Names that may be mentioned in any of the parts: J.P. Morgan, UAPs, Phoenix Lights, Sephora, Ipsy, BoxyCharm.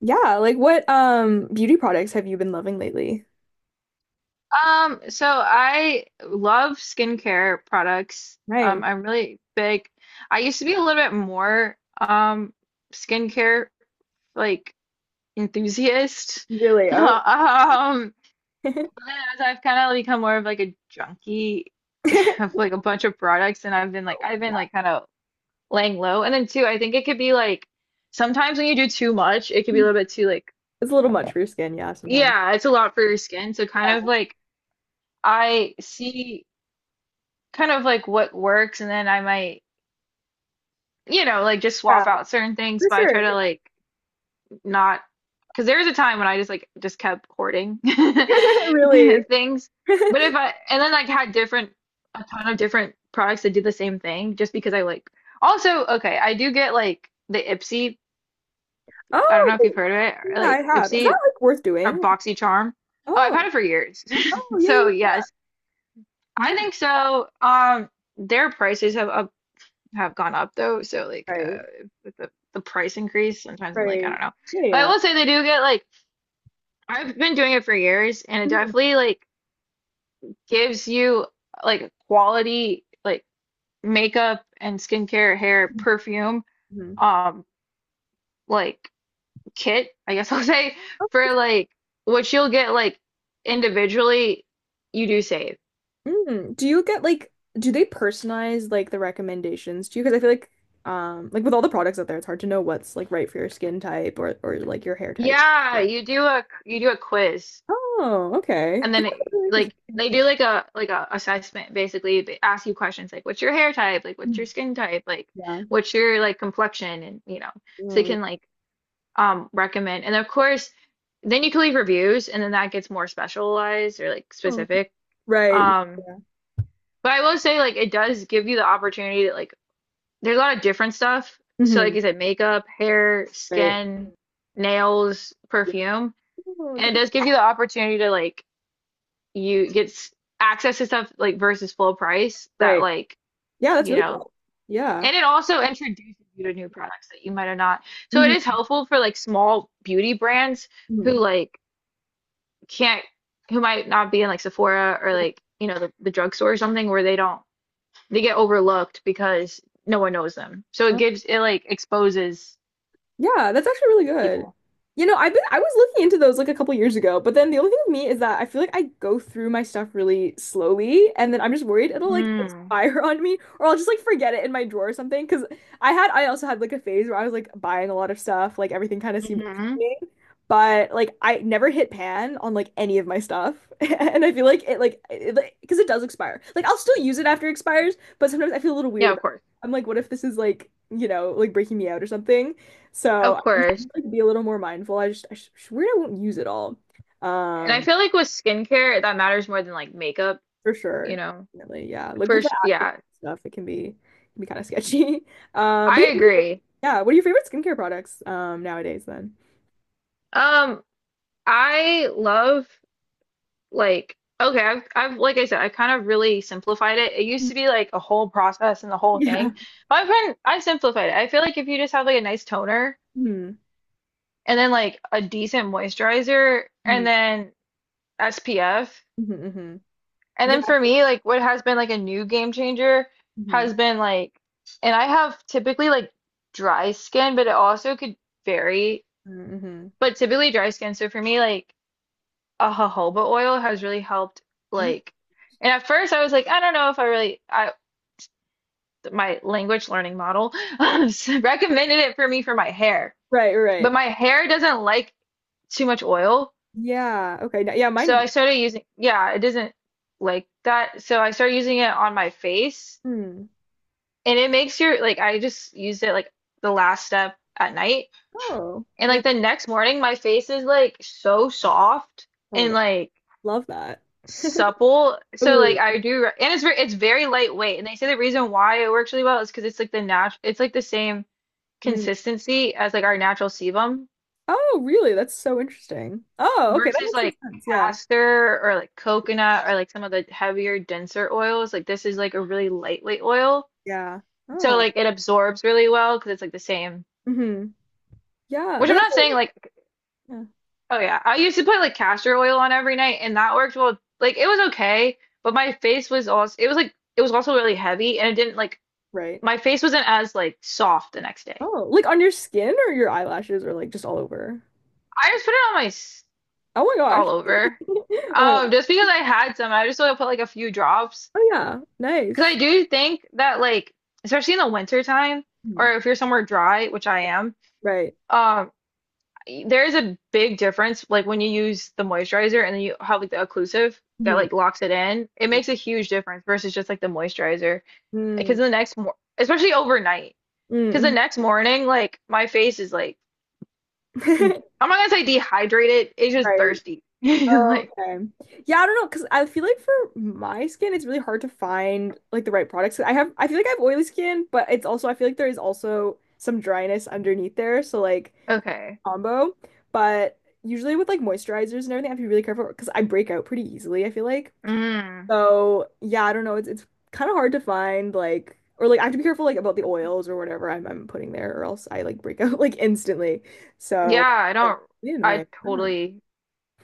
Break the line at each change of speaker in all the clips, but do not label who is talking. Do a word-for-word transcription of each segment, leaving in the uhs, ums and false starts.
Yeah, like what um beauty products have you been loving lately?
Um, so I love skincare products.
Nice.
Um, I'm really big. I used to be a little bit more um skincare like enthusiast.
Really? Oh.
Um, as I've kind of become more of like a junkie of like a bunch of products and I've been like I've been like kind of laying low. And then too, I think it could be like sometimes when you do too much, it could be a little bit too like
It's a little much for your skin, yeah, sometimes.
yeah, it's a lot for your skin. So kind of
Yeah,
like I see kind of like what works and then I might, you know, like just
yeah,
swap out certain things,
for
but I
sure,
try
yeah.
to like not because there was a time when I just like just kept hoarding
Really.
things. But if I and then like had different a ton of different products that do the same thing just because I like also okay, I do get like the Ipsy, I don't
Oh,
know if you've heard of it, or,
yeah, I
like
have. Is that
Ipsy
like worth
or
doing?
BoxyCharm. Oh, I've
Oh,
had it for years.
oh, yeah,
So
yeah,
yes,
yeah.
I
Oh,
think so. Um, their prices have up have gone up though. So like
right,
uh, with the the price increase, sometimes I'm like, I
right.
don't know.
Yeah,
But I
yeah.
will say they do get like I've been doing it for years, and it definitely like gives you like quality like makeup and skincare, hair, perfume,
Mm-hmm.
um, like kit, I guess, I'll say, for like what you'll get like individually, you do save.
Mm, do you get like do they personalize like the recommendations to you? Because I feel like um like with all the products out there, it's hard to know what's like right for your skin type or or like your hair type.
Yeah, you do a you do a quiz.
Oh, okay.
And
That's
then
actually
it,
really
like
interesting.
they do like a like a assessment basically. They ask you questions like what's your hair type, like what's
Mm.
your skin type, like
Yeah.
what's your like complexion, and you know. So
Oh,
you can
yeah.
like um recommend. And of course, then you can leave reviews and then that gets more specialized or like
Oh,
specific.
right.
Um
Yeah.
but I will say like it does give you the opportunity to like there's a lot of different stuff. So
Hmm.
like I said, makeup, hair,
Right.
skin, nails,
Yeah.
perfume.
Oh,
And it
that's-
does give you the opportunity to like you get s- access to stuff like versus full price that
right.
like
Yeah, that's
you
really
know,
cool. Yeah.
and it also introduces you to new products that you might have not, so it is helpful for like small beauty brands who
Hmm.
like can't who might not be in like Sephora or like you know the, the drugstore or something where they don't they get overlooked because no one knows them, so it gives it like exposes
Yeah, that's actually really good.
people.
You know, I've been I was looking into those like a couple years ago, but then the only thing with me is that I feel like I go through my stuff really slowly and then I'm just worried it'll like
mm.
expire on me or I'll just like forget it in my drawer or something. Cause I had I also had like a phase where I was like buying a lot of stuff, like everything kind of seemed
Hmm,
interesting. But like I never hit pan on like any of my stuff. And I feel like it like like, because it does expire. Like I'll still use it after it expires, but sometimes I feel a little weird
yeah
about
of
it.
course,
I'm like, what if this is like, you know, like breaking me out or something? So
of
I'm
course,
trying to like be a little more mindful. I just I sh sh- I won't use it all.
and I
Um,
feel like with skincare that matters more than like makeup
for
you
sure.
know.
Definitely, yeah. Like with
For
the
sure.
active
Yeah,
stuff, it can be can be kind of sketchy. Uh, but
I
yeah,
agree.
yeah, what are your favorite skincare products um nowadays then?
Um, I love like okay, I've I've like I said, I kind of really simplified it. It
Mm.
used to be like a whole process and the whole
Yeah.
thing. But I've been I've simplified it. I feel like if you just have like a nice toner
Hmm.
and then like a decent moisturizer and
Hmm.
then S P F,
Hmm.
and
Yeah.
then for me like what has been like a new game changer
Hmm.
has been like and I have typically like dry skin, but it also could vary.
Hmm.
But typically dry skin. So for me like a jojoba oil has really helped
Oh,
like, and at first I was like I don't know if I really I my language learning model recommended it for me for my hair,
right,
but
right.
my hair doesn't like too much oil,
Yeah. Okay. now- Yeah,
so
mine.
I started using yeah it doesn't like that, so I started using it on my face
Hmm.
and it makes your like I just used it like the last step at night
Oh,
and
yeah.
like the next morning my face is like so soft
Oh my
and
God.
like
Love that.
supple. So like
Ooh.
I do, and it's very it's very lightweight. And they say the reason why it works really well is because it's like the nat it's like the same
Mm.
consistency as like our natural sebum
Oh, really? That's so interesting. Oh, okay, that
versus
makes some
like
sense. Yeah,
castor or like coconut or like some of the heavier, denser oils. Like this is like a really lightweight oil.
yeah.
So
Oh,
like it absorbs really well because it's like the same.
hmm. Yeah,
Which I'm
that's
not saying like
yeah,
oh yeah, I used to put like castor oil on every night and that worked well. Like it was okay, but my face was also it was like it was also really heavy and it didn't like
right.
my face wasn't as like soft the next day.
Oh, like on your skin or your eyelashes or like just all over?
I just put it on my s-
Oh my gosh.
all over.
Oh my gosh.
Um, just because I had some, I just want to put like a few drops
Oh yeah.
because
Nice.
I do think that like especially in the winter time
Mhm.
or if you're somewhere dry, which I am,
Right.
um, there is a big difference like when you use the moisturizer and then you have like the occlusive that
Hmm.
like locks it in. It makes a huge difference versus just like the moisturizer because
Mm,
the next mor especially overnight because the
mm,
next morning like my face is like Mm.
mm.
I'm not gonna say dehydrated. It's just
Right.
thirsty. Like,
Okay. Yeah, I don't know, because I feel like for my skin, it's really hard to find like the right products. I have, I feel like I have oily skin, but it's also, I feel like there is also some dryness underneath there. So like,
okay.
combo, but usually with like moisturizers and everything, I have to be really careful because I break out pretty easily, I feel like.
Mm.
So yeah, I don't know. It's it's kind of hard to find like or like I have to be careful like about the oils or whatever I'm I'm putting there or else I like break out like instantly.
Yeah,
So
I don't.
really
I
annoying. I don't know.
totally.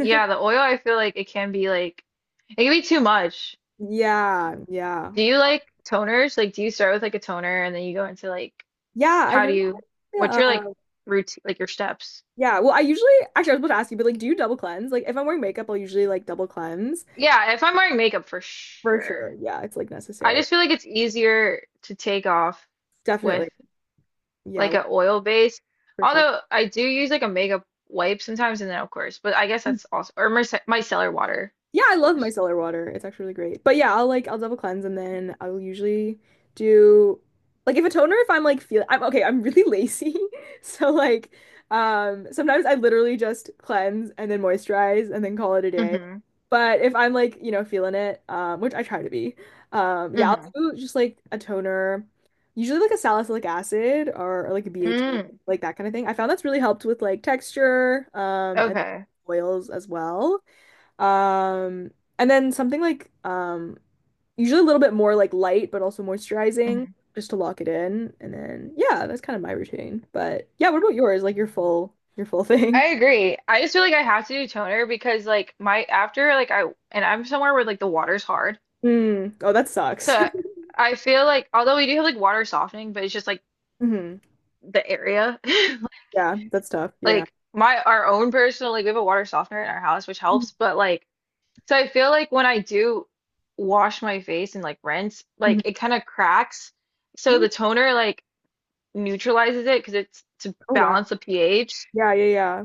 Yeah, the oil, I feel like it can be like, it can be too much.
Yeah, yeah.
Do you like toners? Like, do you start with like a toner and then you go into like,
Yeah, I
how do
really
you,
like,
what's
yeah.
your like
uh,
routine, like your steps?
Yeah, well, I usually actually I was about to ask you, but like, do you double cleanse? Like, if I'm wearing makeup, I'll usually like double cleanse
Yeah, if I'm wearing makeup for
for sure.
sure.
Yeah, it's like
I
necessary.
just feel like it's easier to take off
Definitely.
with.
Yeah,
Like a oil base.
for sure.
Although I do use like a makeup wipe sometimes, and then of course, but I guess that's also or mice- micellar water,
Yeah, I
of
love
course.
micellar water. It's actually really great. But yeah, I'll like I'll double cleanse and then I'll usually do like if a toner if I'm like feel I'm okay, I'm really lazy. So like um sometimes I literally just cleanse and then moisturize and then call it a day.
Hmm.
But if I'm like, you know, feeling it, um, which I try to be, um, yeah, I'll
Hmm.
do just like a toner, usually like a salicylic acid or, or like a B H A,
Mm.
like that kind of thing. I found that's really helped with like texture, um, and
Okay.
oils as well. Um, and then something like um, usually a little bit more like light, but also moisturizing,
Hmm.
just to lock it in. And then yeah, that's kind of my routine. But yeah, what about yours? Like your full your full thing?
I agree. I just feel like I have to do toner because like my after like I and I'm somewhere where like the water's hard,
Mm. Oh, that sucks.
so I feel like although we do have like water softening, but it's just like
Hmm.
the area,
Yeah, that's tough. Yeah.
like my our own personal like we have a water softener in our house which helps, but like. So I feel like when I do wash my face and like rinse, like
Mhm.
it kind of cracks. So
Mm.
the toner like neutralizes it because it's to
Oh wow.
balance the pH.
Yeah, yeah, yeah.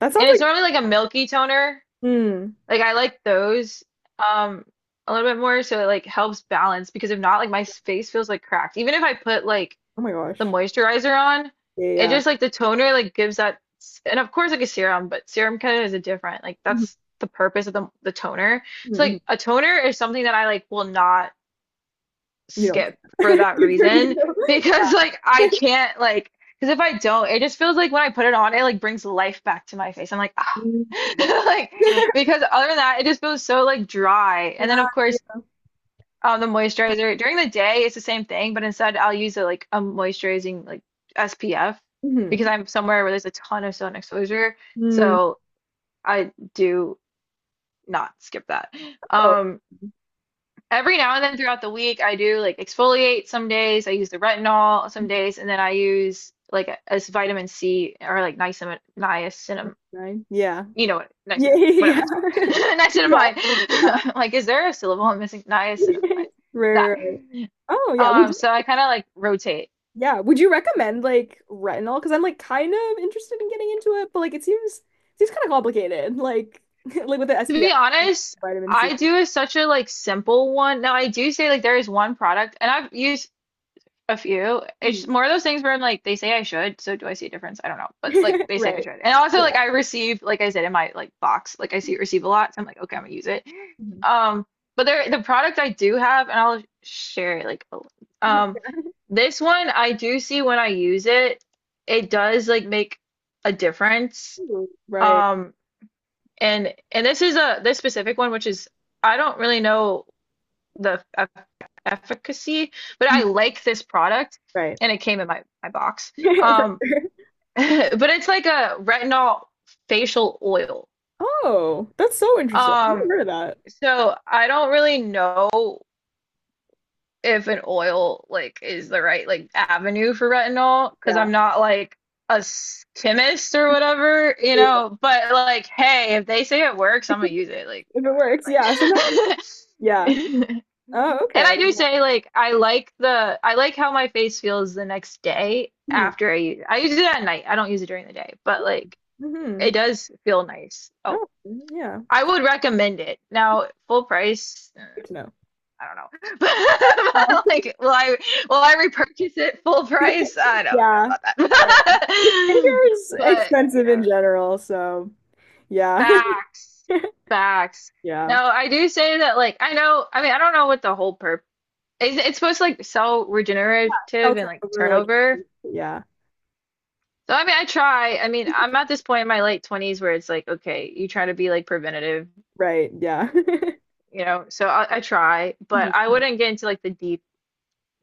That sounds
And it's
like
normally like a milky toner.
mm.
Like I like those um a little bit more so it like helps balance because if not like my face feels like cracked. Even if I put like
Oh my
the
gosh.
moisturizer on,
Yeah,
it
yeah.
just like the toner like gives that and of course like a serum, but serum kind of is a different. Like
Hmm.
that's the purpose of the the toner. So like a toner is something that I like will not
You don't.
skip for that
Good for
reason
you.
because like I can't like because if I don't, it just feels like when I put it on, it like brings life back to my face. I'm like ah.
Mm.
Like because other than that, it just feels so like dry. And then
Yeah,
of course
yeah.
um, the moisturizer during the day it's the same thing, but instead I'll use a like a moisturizing like S P F because I'm somewhere where there's a ton of sun exposure.
Hmm.
So I do not skip that.
Oh,
Um, every now and then throughout the week I do like exfoliate some days, I use the retinol some days, and then I use like a, a vitamin C or like niacin niacinamide
nine. Yeah.
you know what,
Yeah.
niacinamide, whatever
Yeah.
it's called,
Yeah. yeah.
niacinamide. Like, is there a syllable I'm missing? Niacinamide.
Right,
That.
right, right. Oh, yeah. Would
Um,
you,
so I kind of like rotate.
yeah. Would you recommend like retinol? Because I'm like kind of interested in getting into it, but like it seems seems kind of complicated. Like like with the
To be
S P F,
honest,
vitamin C.
I do a, such a like simple one. Now I do say like there is one product, and I've used a few.
Hmm.
It's more of those things where I'm like, they say I should, so do I see a difference? I don't know, but like they say I
Right.
should. And also
Yeah.
like I receive, like I said in my like box, like I see receive a lot, so I'm like, okay, I'm gonna use it.
Mhm.
Um, but there the product I do have, and I'll share it like um this one I do see when I use it, it does like make a difference.
Ooh, right.
Um and and this is a this specific one, which is I don't really know the eff- efficacy, but
Mhm.
I like this product
Right.
and it came in my, my box.
For
Um,
sure.
but it's like a retinol facial oil.
Oh, that's so interesting. I never
Um,
heard of that.
so I don't really know if an oil like is the right like avenue for retinol because
Yeah.
I'm not like a s- chemist or whatever, you know. But like, hey, if they say it works, I'm gonna use it. Like, you
If it works, yeah. Sometimes,
know what I
yeah.
mean? Like,
Oh,
and
okay.
I do
Yeah.
say like I like the I like how my face feels the next day
Hmm.
after I use it. I use it at night. I don't use it during the day, but like it
Hmm.
does feel nice. Oh,
Oh, mm-hmm, yeah.
I would recommend it. Now, full price.
Good to know.
I don't know.
Well,
But like, will I will I repurchase it full price? I don't know
yeah.
about
I do
that.
Skincare is
But you
expensive
know,
in general, so yeah.
facts, facts.
Yeah.
No, I do say that. Like, I know. I mean, I don't know what the whole purpose. It's, it's supposed to like sell regenerative
Also
and like
over like
turnover.
yeah.
So I mean, I try. I mean, I'm at this point in my late twenties where it's like, okay, you try to be like preventative,
Right. Yeah.
you know. So I, I try, but I
Mhm.
wouldn't get into like the deep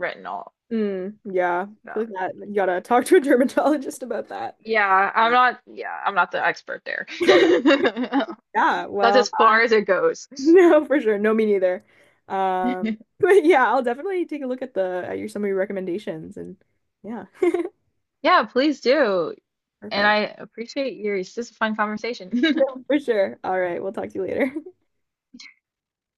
retinol
Mm, yeah. I feel
stuff.
like that you gotta talk to a dermatologist about that.
Yeah, I'm
Yeah.
not, yeah, I'm not the expert there.
Yeah,
That's
well,
as
I
far as it goes.
no for sure. No, me neither. Um, but yeah, I'll definitely take a look at the at your some of your recommendations and yeah.
Yeah, please do. And
Perfect.
I appreciate your, this is a fun conversation.
No, for sure. All right, we'll talk to you later.